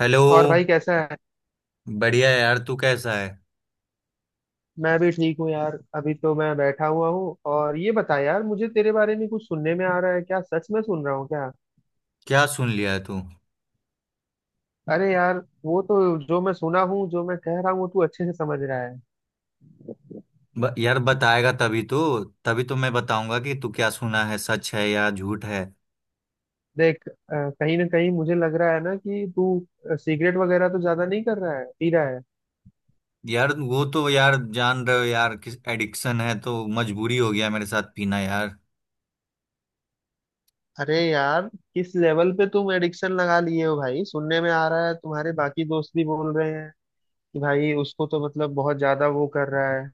Hello. और भाई कैसा है। बढ़िया है यार, तू कैसा है? मैं भी ठीक हूँ यार, अभी तो मैं बैठा हुआ हूँ। और ये बता यार, मुझे तेरे बारे में कुछ सुनने में आ रहा है। क्या सच में सुन रहा हूँ क्या? क्या सुन लिया है तू? अरे यार, वो तो। जो मैं सुना हूँ, जो मैं कह रहा हूँ, वो तू अच्छे से समझ रहा है। यार बताएगा तभी तो, तभी तो मैं बताऊंगा कि तू क्या सुना है, सच है या झूठ है। देख कहीं ना कहीं मुझे लग रहा है ना कि तू सिगरेट वगैरह तो ज्यादा नहीं कर रहा है, पी रहा है? यार वो तो यार, जान रहे हो यार किस एडिक्शन है, तो मजबूरी हो गया मेरे साथ पीना यार। अरे यार, किस लेवल पे तुम एडिक्शन लगा लिए हो भाई? सुनने में आ रहा है तुम्हारे बाकी दोस्त भी बोल रहे हैं कि भाई उसको तो मतलब बहुत ज्यादा वो कर रहा है।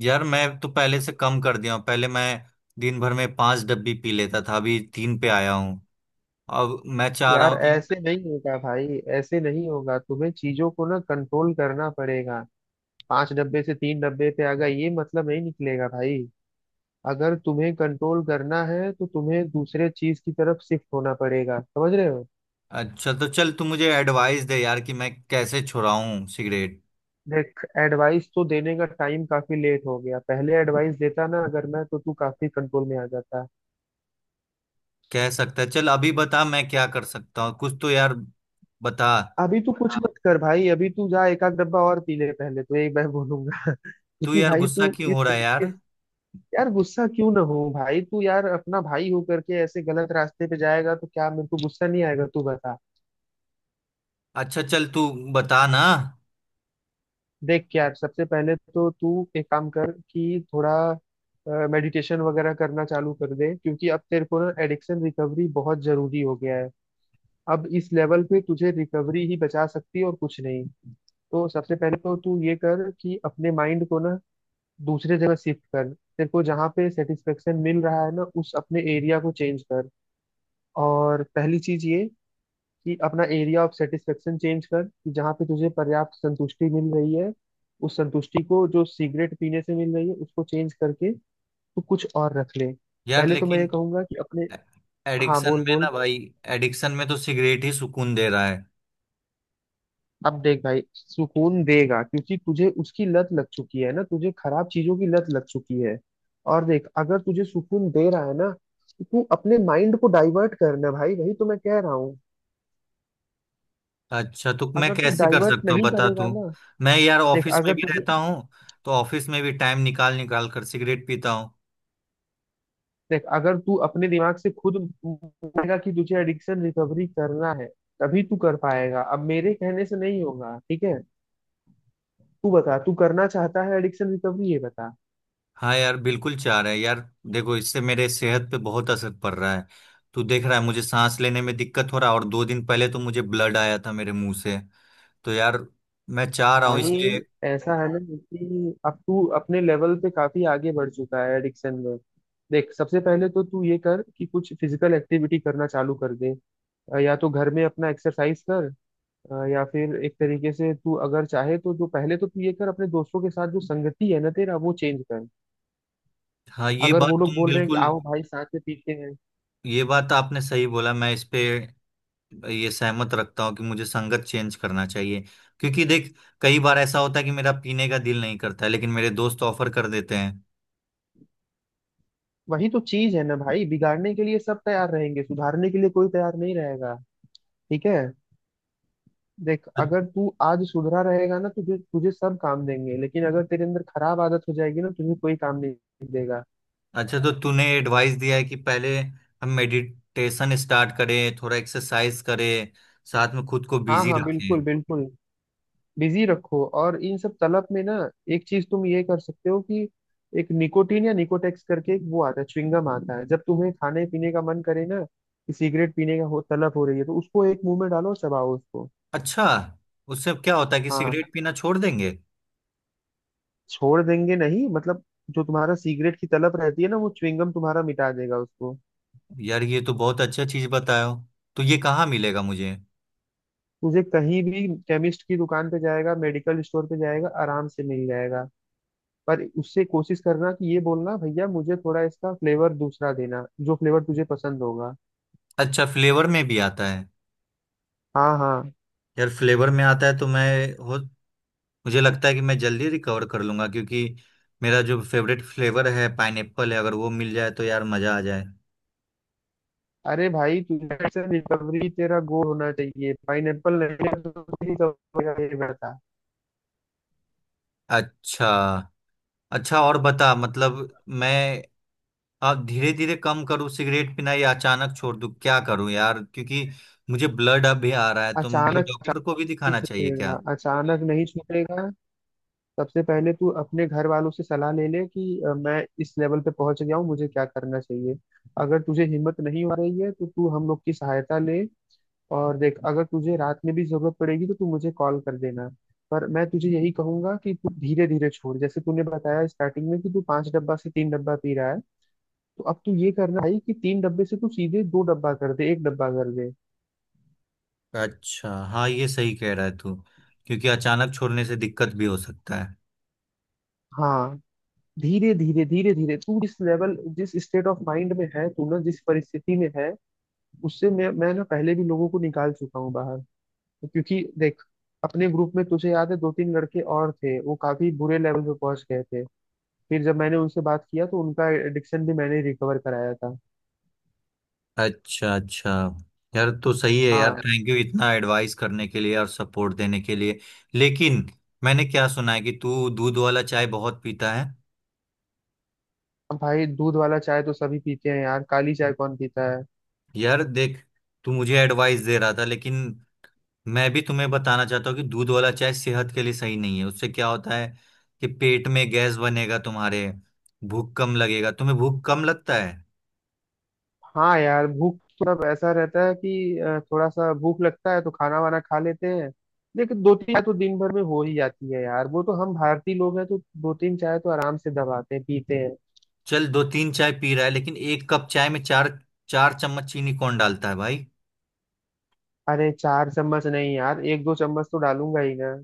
यार मैं तो पहले से कम कर दिया हूँ। पहले मैं दिन भर में पांच डब्बी पी लेता था, अभी तीन पे आया हूँ। अब मैं चाह रहा यार हूँ कि ऐसे नहीं होगा भाई, ऐसे नहीं होगा। तुम्हें चीजों को ना कंट्रोल करना पड़ेगा। पांच डब्बे से तीन डब्बे पे आ गए, ये मतलब नहीं निकलेगा भाई। अगर तुम्हें कंट्रोल करना है तो तुम्हें दूसरे चीज की तरफ शिफ्ट होना पड़ेगा, समझ रहे हो? अच्छा, तो चल तू मुझे एडवाइस दे यार कि मैं कैसे छुड़ाऊँ सिगरेट। देख, एडवाइस तो देने का टाइम काफी लेट हो गया। पहले एडवाइस देता ना अगर मैं तो तू काफी कंट्रोल में आ जाता। कह सकता है, चल अभी बता मैं क्या कर सकता हूँ कुछ तो यार, बता। अभी तू कुछ हाँ मत कर भाई, अभी तू जा एक आध डब्बा और पी ले, पहले तो एक मैं बोलूंगा। तू क्योंकि यार भाई गुस्सा तू क्यों इस हो रहा है तरीके। यार? यार गुस्सा क्यों ना हो भाई? तू यार अपना भाई हो करके ऐसे गलत रास्ते पे जाएगा तो क्या मेरे को गुस्सा नहीं आएगा? तू बता। अच्छा चल, तू बता ना। देख यार, सबसे पहले तो तू एक काम कर कि थोड़ा मेडिटेशन वगैरह करना चालू कर दे, क्योंकि अब तेरे को ना एडिक्शन रिकवरी बहुत जरूरी हो गया है। अब इस लेवल पे तुझे रिकवरी ही बचा सकती है और कुछ नहीं। तो सबसे पहले तो तू ये कर कि अपने माइंड को ना दूसरे जगह शिफ्ट कर। तेरे को जहाँ पे सेटिस्फेक्शन मिल रहा है ना, उस अपने एरिया को चेंज कर। और पहली चीज ये कि अपना एरिया ऑफ सेटिस्फेक्शन चेंज कर, कि जहाँ पे तुझे पर्याप्त संतुष्टि मिल रही है, उस संतुष्टि को जो सिगरेट पीने से मिल रही है उसको चेंज करके तू कुछ और रख ले। यार पहले तो मैं ये लेकिन कहूंगा कि अपने। हाँ, एडिक्शन बोल में बोल। ना भाई, एडिक्शन में तो सिगरेट ही सुकून दे रहा है। अब देख भाई, सुकून देगा क्योंकि तुझे उसकी लत लग चुकी है ना, तुझे खराब चीजों की लत लग चुकी है। और देख अगर तुझे सुकून दे रहा है ना तो तू अपने माइंड को डाइवर्ट करना भाई, वही तो मैं कह रहा हूँ। अच्छा, तो मैं अगर तू कैसे कर डाइवर्ट सकता हूँ नहीं बता करेगा तू। ना। मैं यार देख ऑफिस में अगर भी तुझे रहता हूँ, तो ऑफिस में भी टाइम निकाल निकाल कर सिगरेट पीता हूँ। देख अगर तू अपने दिमाग से खुद मानेगा कि तुझे एडिक्शन रिकवरी करना है, तभी तू कर पाएगा। अब मेरे कहने से नहीं होगा, ठीक है? तू बता, तू करना चाहता है एडिक्शन रिकवरी, ये बता। हाँ यार, बिल्कुल चाह रहा है यार। देखो, इससे मेरे सेहत पे बहुत असर पड़ रहा है। तू देख रहा है मुझे सांस लेने में दिक्कत हो रहा है, और दो दिन पहले तो मुझे ब्लड आया था मेरे मुंह से। तो यार, मैं चाह रहा हूँ भाई इसलिए। ऐसा है ना कि अब तू अपने लेवल पे काफी आगे बढ़ चुका है एडिक्शन में। देख सबसे पहले तो तू ये कर कि कुछ फिजिकल एक्टिविटी करना चालू कर दे। या तो घर में अपना एक्सरसाइज कर, या फिर एक तरीके से तू अगर चाहे तो जो, पहले तो तू ये कर, अपने दोस्तों के साथ जो संगति है ना तेरा, वो चेंज कर। हाँ ये अगर बात वो लोग तुम बोल रहे हैं कि बिल्कुल, आओ भाई साथ में पीते हैं, ये बात आपने सही बोला। मैं इस पे ये सहमत रखता हूँ कि मुझे संगत चेंज करना चाहिए। क्योंकि देख, कई बार ऐसा होता है कि मेरा पीने का दिल नहीं करता है, लेकिन मेरे दोस्त ऑफर कर देते हैं। वही तो चीज है ना भाई। बिगाड़ने के लिए सब तैयार रहेंगे, सुधारने के लिए कोई तैयार नहीं रहेगा, ठीक है? देख अगर तू आज सुधरा रहेगा ना तुझे, तुझे सब काम देंगे, लेकिन अगर तेरे अंदर खराब आदत हो जाएगी ना, तुझे कोई काम नहीं देगा। अच्छा, तो तूने एडवाइस दिया है कि पहले हम मेडिटेशन स्टार्ट करें, थोड़ा एक्सरसाइज करें, साथ में खुद को हाँ बिजी हाँ, बिल्कुल रखें। बिल्कुल। बिजी रखो। और इन सब तलब में ना, एक चीज तुम ये कर सकते हो कि एक निकोटीन या निकोटेक्स करके एक वो आता है, च्युइंगम आता है, जब तुम्हें खाने पीने का मन करे ना कि सिगरेट पीने का हो, तलब हो रही है, तो उसको एक मुंह में डालो और चबाओ उसको। अच्छा, उससे क्या होता है कि हाँ, सिगरेट पीना छोड़ देंगे? छोड़ देंगे नहीं मतलब, जो तुम्हारा सिगरेट की तलब रहती है ना वो च्युइंगम तुम्हारा मिटा देगा उसको। यार ये तो बहुत अच्छा चीज बताया हो। तो ये कहाँ मिलेगा मुझे? तुझे कहीं भी केमिस्ट की दुकान पे जाएगा, मेडिकल स्टोर पे जाएगा, आराम से मिल जाएगा। पर उससे कोशिश करना कि ये बोलना, भैया मुझे थोड़ा इसका फ्लेवर दूसरा देना, जो फ्लेवर तुझे पसंद होगा। अच्छा, फ्लेवर में भी आता है? हाँ हाँ। यार फ्लेवर में आता है तो मैं, हो, मुझे लगता है कि मैं जल्दी रिकवर कर लूंगा। क्योंकि मेरा जो फेवरेट फ्लेवर है पाइनएप्पल है, अगर वो मिल जाए तो यार मजा आ जाए। अरे भाई, तुझे से रिकवरी तेरा गोल होना चाहिए, पाइनएप्पल नहीं है तो recovery का ये बेटा। अच्छा अच्छा, और बता, मतलब मैं आप धीरे धीरे कम करूँ सिगरेट पीना या अचानक छोड़ दूँ? क्या करूँ यार? क्योंकि मुझे ब्लड अब भी आ रहा है, तो मुझे अचानक, अचानक डॉक्टर को भी नहीं दिखाना चाहिए क्या? छूटेगा, अचानक नहीं छूटेगा। सबसे पहले तू अपने घर वालों से सलाह ले ले कि मैं इस लेवल पे पहुंच गया हूँ, मुझे क्या करना चाहिए। अगर तुझे हिम्मत नहीं हो रही है तो तू हम लोग की सहायता ले। और देख अगर तुझे रात में भी जरूरत पड़ेगी तो तू मुझे कॉल कर देना। पर मैं तुझे यही कहूंगा कि तू धीरे धीरे छोड़, जैसे तूने बताया स्टार्टिंग में कि तू पांच डब्बा से तीन डब्बा पी रहा है, तो अब तू ये करना भाई कि तीन डब्बे से तू सीधे दो डब्बा कर दे, एक डब्बा कर दे। अच्छा, हाँ ये सही कह रहा है तू। क्योंकि अचानक छोड़ने से दिक्कत भी हो सकता है। हाँ, धीरे धीरे धीरे धीरे। तू जिस लेवल, जिस स्टेट ऑफ माइंड में है तू ना, जिस परिस्थिति में है, उससे मैं ना पहले भी लोगों को निकाल चुका हूँ बाहर। क्योंकि देख, अपने ग्रुप में तुझे याद है दो तीन लड़के और थे, वो काफी बुरे लेवल पे पहुंच गए थे। फिर जब मैंने उनसे बात किया तो उनका एडिक्शन भी मैंने रिकवर कराया था। अच्छा अच्छा। यार तो सही है यार, हाँ। थैंक यू इतना एडवाइस करने के लिए और सपोर्ट देने के लिए। लेकिन मैंने क्या सुना है कि तू दूध वाला चाय बहुत पीता है। अब भाई, दूध वाला चाय तो सभी पीते हैं यार, काली चाय कौन पीता है? यार देख, तू मुझे एडवाइस दे रहा था लेकिन मैं भी तुम्हें बताना चाहता हूँ कि दूध वाला चाय सेहत के लिए सही नहीं है। उससे क्या होता है कि पेट में गैस बनेगा तुम्हारे, भूख कम लगेगा, तुम्हें भूख कम लगता है। हाँ यार, भूख थोड़ा ऐसा रहता है कि थोड़ा सा भूख लगता है तो खाना वाना खा लेते हैं। लेकिन दो तीन चाय तो दिन भर में हो ही जाती है यार, वो तो हम भारतीय लोग हैं, तो दो तीन चाय तो आराम से दबाते हैं, पीते हैं। चल, दो तीन चाय पी रहा है लेकिन एक कप चाय में चार, चार चम्मच चीनी कौन डालता है भाई? अरे चार चम्मच नहीं यार, एक दो चम्मच तो डालूंगा ही मैं।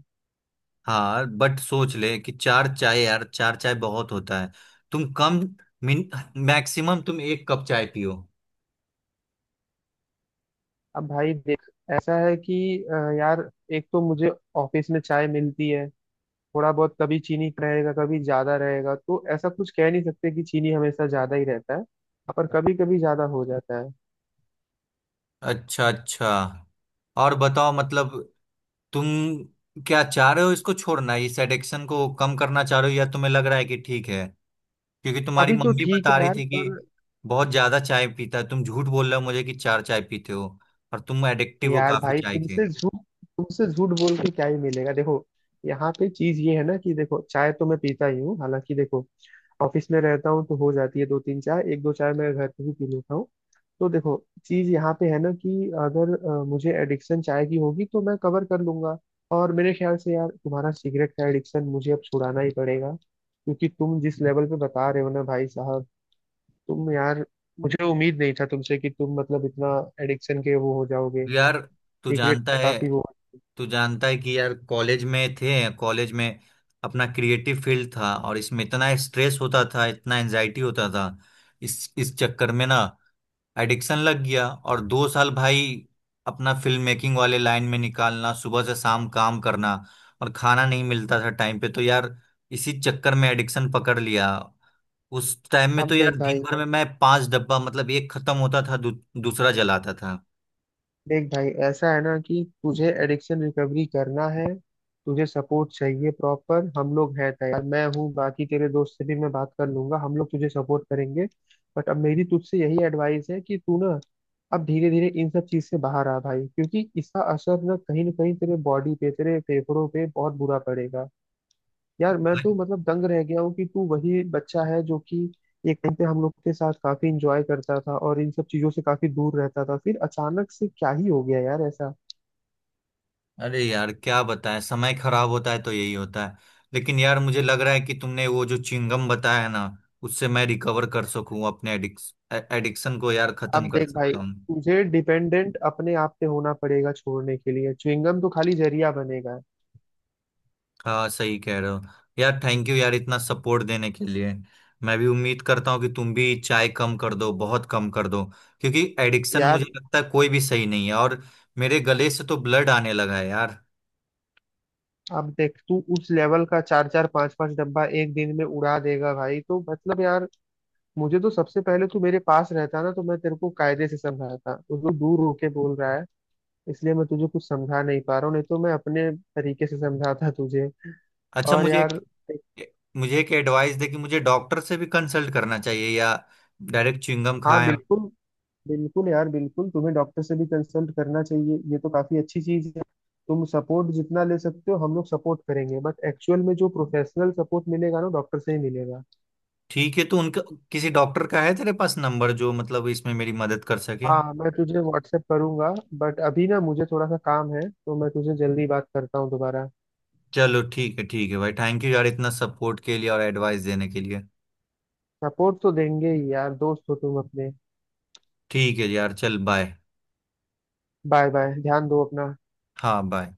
हाँ बट सोच ले कि चार चाय यार, चार चाय बहुत होता है। तुम कम, मिन मैक्सिमम तुम एक कप चाय पियो। अब भाई देख, ऐसा है कि यार, एक तो मुझे ऑफिस में चाय मिलती है। थोड़ा बहुत, कभी चीनी रहेगा, कभी ज्यादा रहेगा, तो ऐसा कुछ कह नहीं सकते कि चीनी हमेशा ज्यादा ही रहता है, पर कभी कभी ज्यादा हो जाता है। अच्छा अच्छा, और बताओ, मतलब तुम क्या चाह रहे हो, इसको छोड़ना, इस एडिक्शन को कम करना चाह रहे हो, या तुम्हें लग रहा है कि ठीक है? क्योंकि तुम्हारी अभी तो मम्मी ठीक बता है रही यार, थी कि पर। बहुत ज्यादा चाय पीता है। तुम झूठ बोल रहे हो मुझे कि चार चाय पीते हो, और तुम एडिक्टिव हो यार काफी भाई चाय के। तुमसे झूठ, तुमसे झूठ बोल के क्या ही मिलेगा। देखो, यहाँ पे चीज ये है ना कि, देखो चाय तो मैं पीता ही हूँ, हालांकि देखो ऑफिस में रहता हूँ तो हो जाती है दो तीन चाय, एक दो चाय मैं घर पे भी पी लेता हूँ। तो देखो, चीज यहाँ पे है ना कि अगर मुझे एडिक्शन चाय की होगी तो मैं कवर कर लूंगा। और मेरे ख्याल से यार तुम्हारा सिगरेट का एडिक्शन मुझे अब छुड़ाना ही पड़ेगा, क्योंकि तुम जिस लेवल पे बता रहे हो ना भाई साहब, तुम यार, मुझे उम्मीद नहीं था तुमसे कि तुम मतलब इतना एडिक्शन के वो हो जाओगे। यार तू सीक्रेट जानता है, काफी वो। तू जानता है कि यार कॉलेज में थे, कॉलेज में अपना क्रिएटिव फील्ड था और इसमें इतना स्ट्रेस होता था, इतना एंजाइटी होता था। इस चक्कर में ना एडिक्शन लग गया। और दो साल भाई अपना फिल्म मेकिंग वाले लाइन में निकालना, सुबह से शाम काम करना, और खाना नहीं मिलता था टाइम पे, तो यार इसी चक्कर में एडिक्शन पकड़ लिया। उस टाइम में तो अब यार देख दिन भाई भर में मैं पांच डब्बा, मतलब एक खत्म होता था, दूसरा जलाता था। देख भाई ऐसा है ना कि तुझे एडिक्शन रिकवरी करना है, तुझे सपोर्ट चाहिए प्रॉपर। हम लोग हैं तैयार, मैं हूँ, बाकी तेरे दोस्त से भी मैं बात कर लूंगा, हम लोग तुझे सपोर्ट करेंगे। बट अब मेरी तुझसे यही एडवाइस है कि तू ना अब धीरे धीरे इन सब चीज से बाहर आ भाई, क्योंकि इसका असर ना कहीं तेरे बॉडी पे, तेरे फेफड़ों पे बहुत बुरा पड़ेगा। यार मैं तो मतलब दंग रह गया हूँ कि तू वही बच्चा है जो कि एक टाइम पे हम लोग के साथ काफी इंजॉय करता था और इन सब चीजों से काफी दूर रहता था, फिर अचानक से क्या ही हो गया यार ऐसा। अरे यार क्या बताएं, समय खराब होता है तो यही होता है। लेकिन यार मुझे लग रहा है कि तुमने वो जो चिंगम बताया है ना, उससे मैं रिकवर कर सकूं अपने एडिक्स एडिक्शन को यार अब खत्म कर देख भाई, सकता हूं। तुझे डिपेंडेंट अपने आप पे होना पड़ेगा, छोड़ने के लिए च्युइंगम तो खाली जरिया बनेगा। हाँ सही कह रहे हो यार, थैंक यू यार इतना सपोर्ट देने के लिए। मैं भी उम्मीद करता हूँ कि तुम भी चाय कम कर दो, बहुत कम कर दो। क्योंकि एडिक्शन यार मुझे लगता है कोई भी सही नहीं है, और मेरे गले से तो ब्लड आने लगा है यार। अब देख तू उस लेवल का, चार चार पांच पांच डब्बा एक दिन में उड़ा देगा भाई, तो मतलब यार मुझे तो, सबसे पहले तू मेरे पास रहता ना तो मैं तेरे को कायदे से समझाता, वो तो दूर होके बोल रहा है, इसलिए मैं तुझे कुछ समझा नहीं पा रहा हूँ, नहीं तो मैं अपने तरीके से समझाता तुझे। अच्छा और मुझे यार। एक, मुझे एक एडवाइस दे कि मुझे डॉक्टर से भी कंसल्ट करना चाहिए या डायरेक्ट च्युइंगम हाँ खाएं? बिल्कुल, बिल्कुल यार बिल्कुल, तुम्हें डॉक्टर से भी कंसल्ट करना चाहिए, ये तो काफी अच्छी चीज है। तुम सपोर्ट जितना ले सकते हो हम लोग सपोर्ट करेंगे, बट एक्चुअल में जो प्रोफेशनल सपोर्ट मिलेगा ना, डॉक्टर से ही मिलेगा। ठीक है, तो उनका किसी डॉक्टर का है तेरे पास नंबर जो मतलब इसमें मेरी मदद कर सके? हाँ, मैं तुझे व्हाट्सएप करूंगा, बट अभी ना मुझे थोड़ा सा काम है, तो मैं तुझे जल्दी बात करता हूँ दोबारा। चलो ठीक है भाई, थैंक यू यार इतना सपोर्ट के लिए और एडवाइस देने के लिए। सपोर्ट तो देंगे ही यार, दोस्त हो तुम अपने। ठीक है यार, चल बाय। बाय बाय, ध्यान दो अपना। हाँ बाय।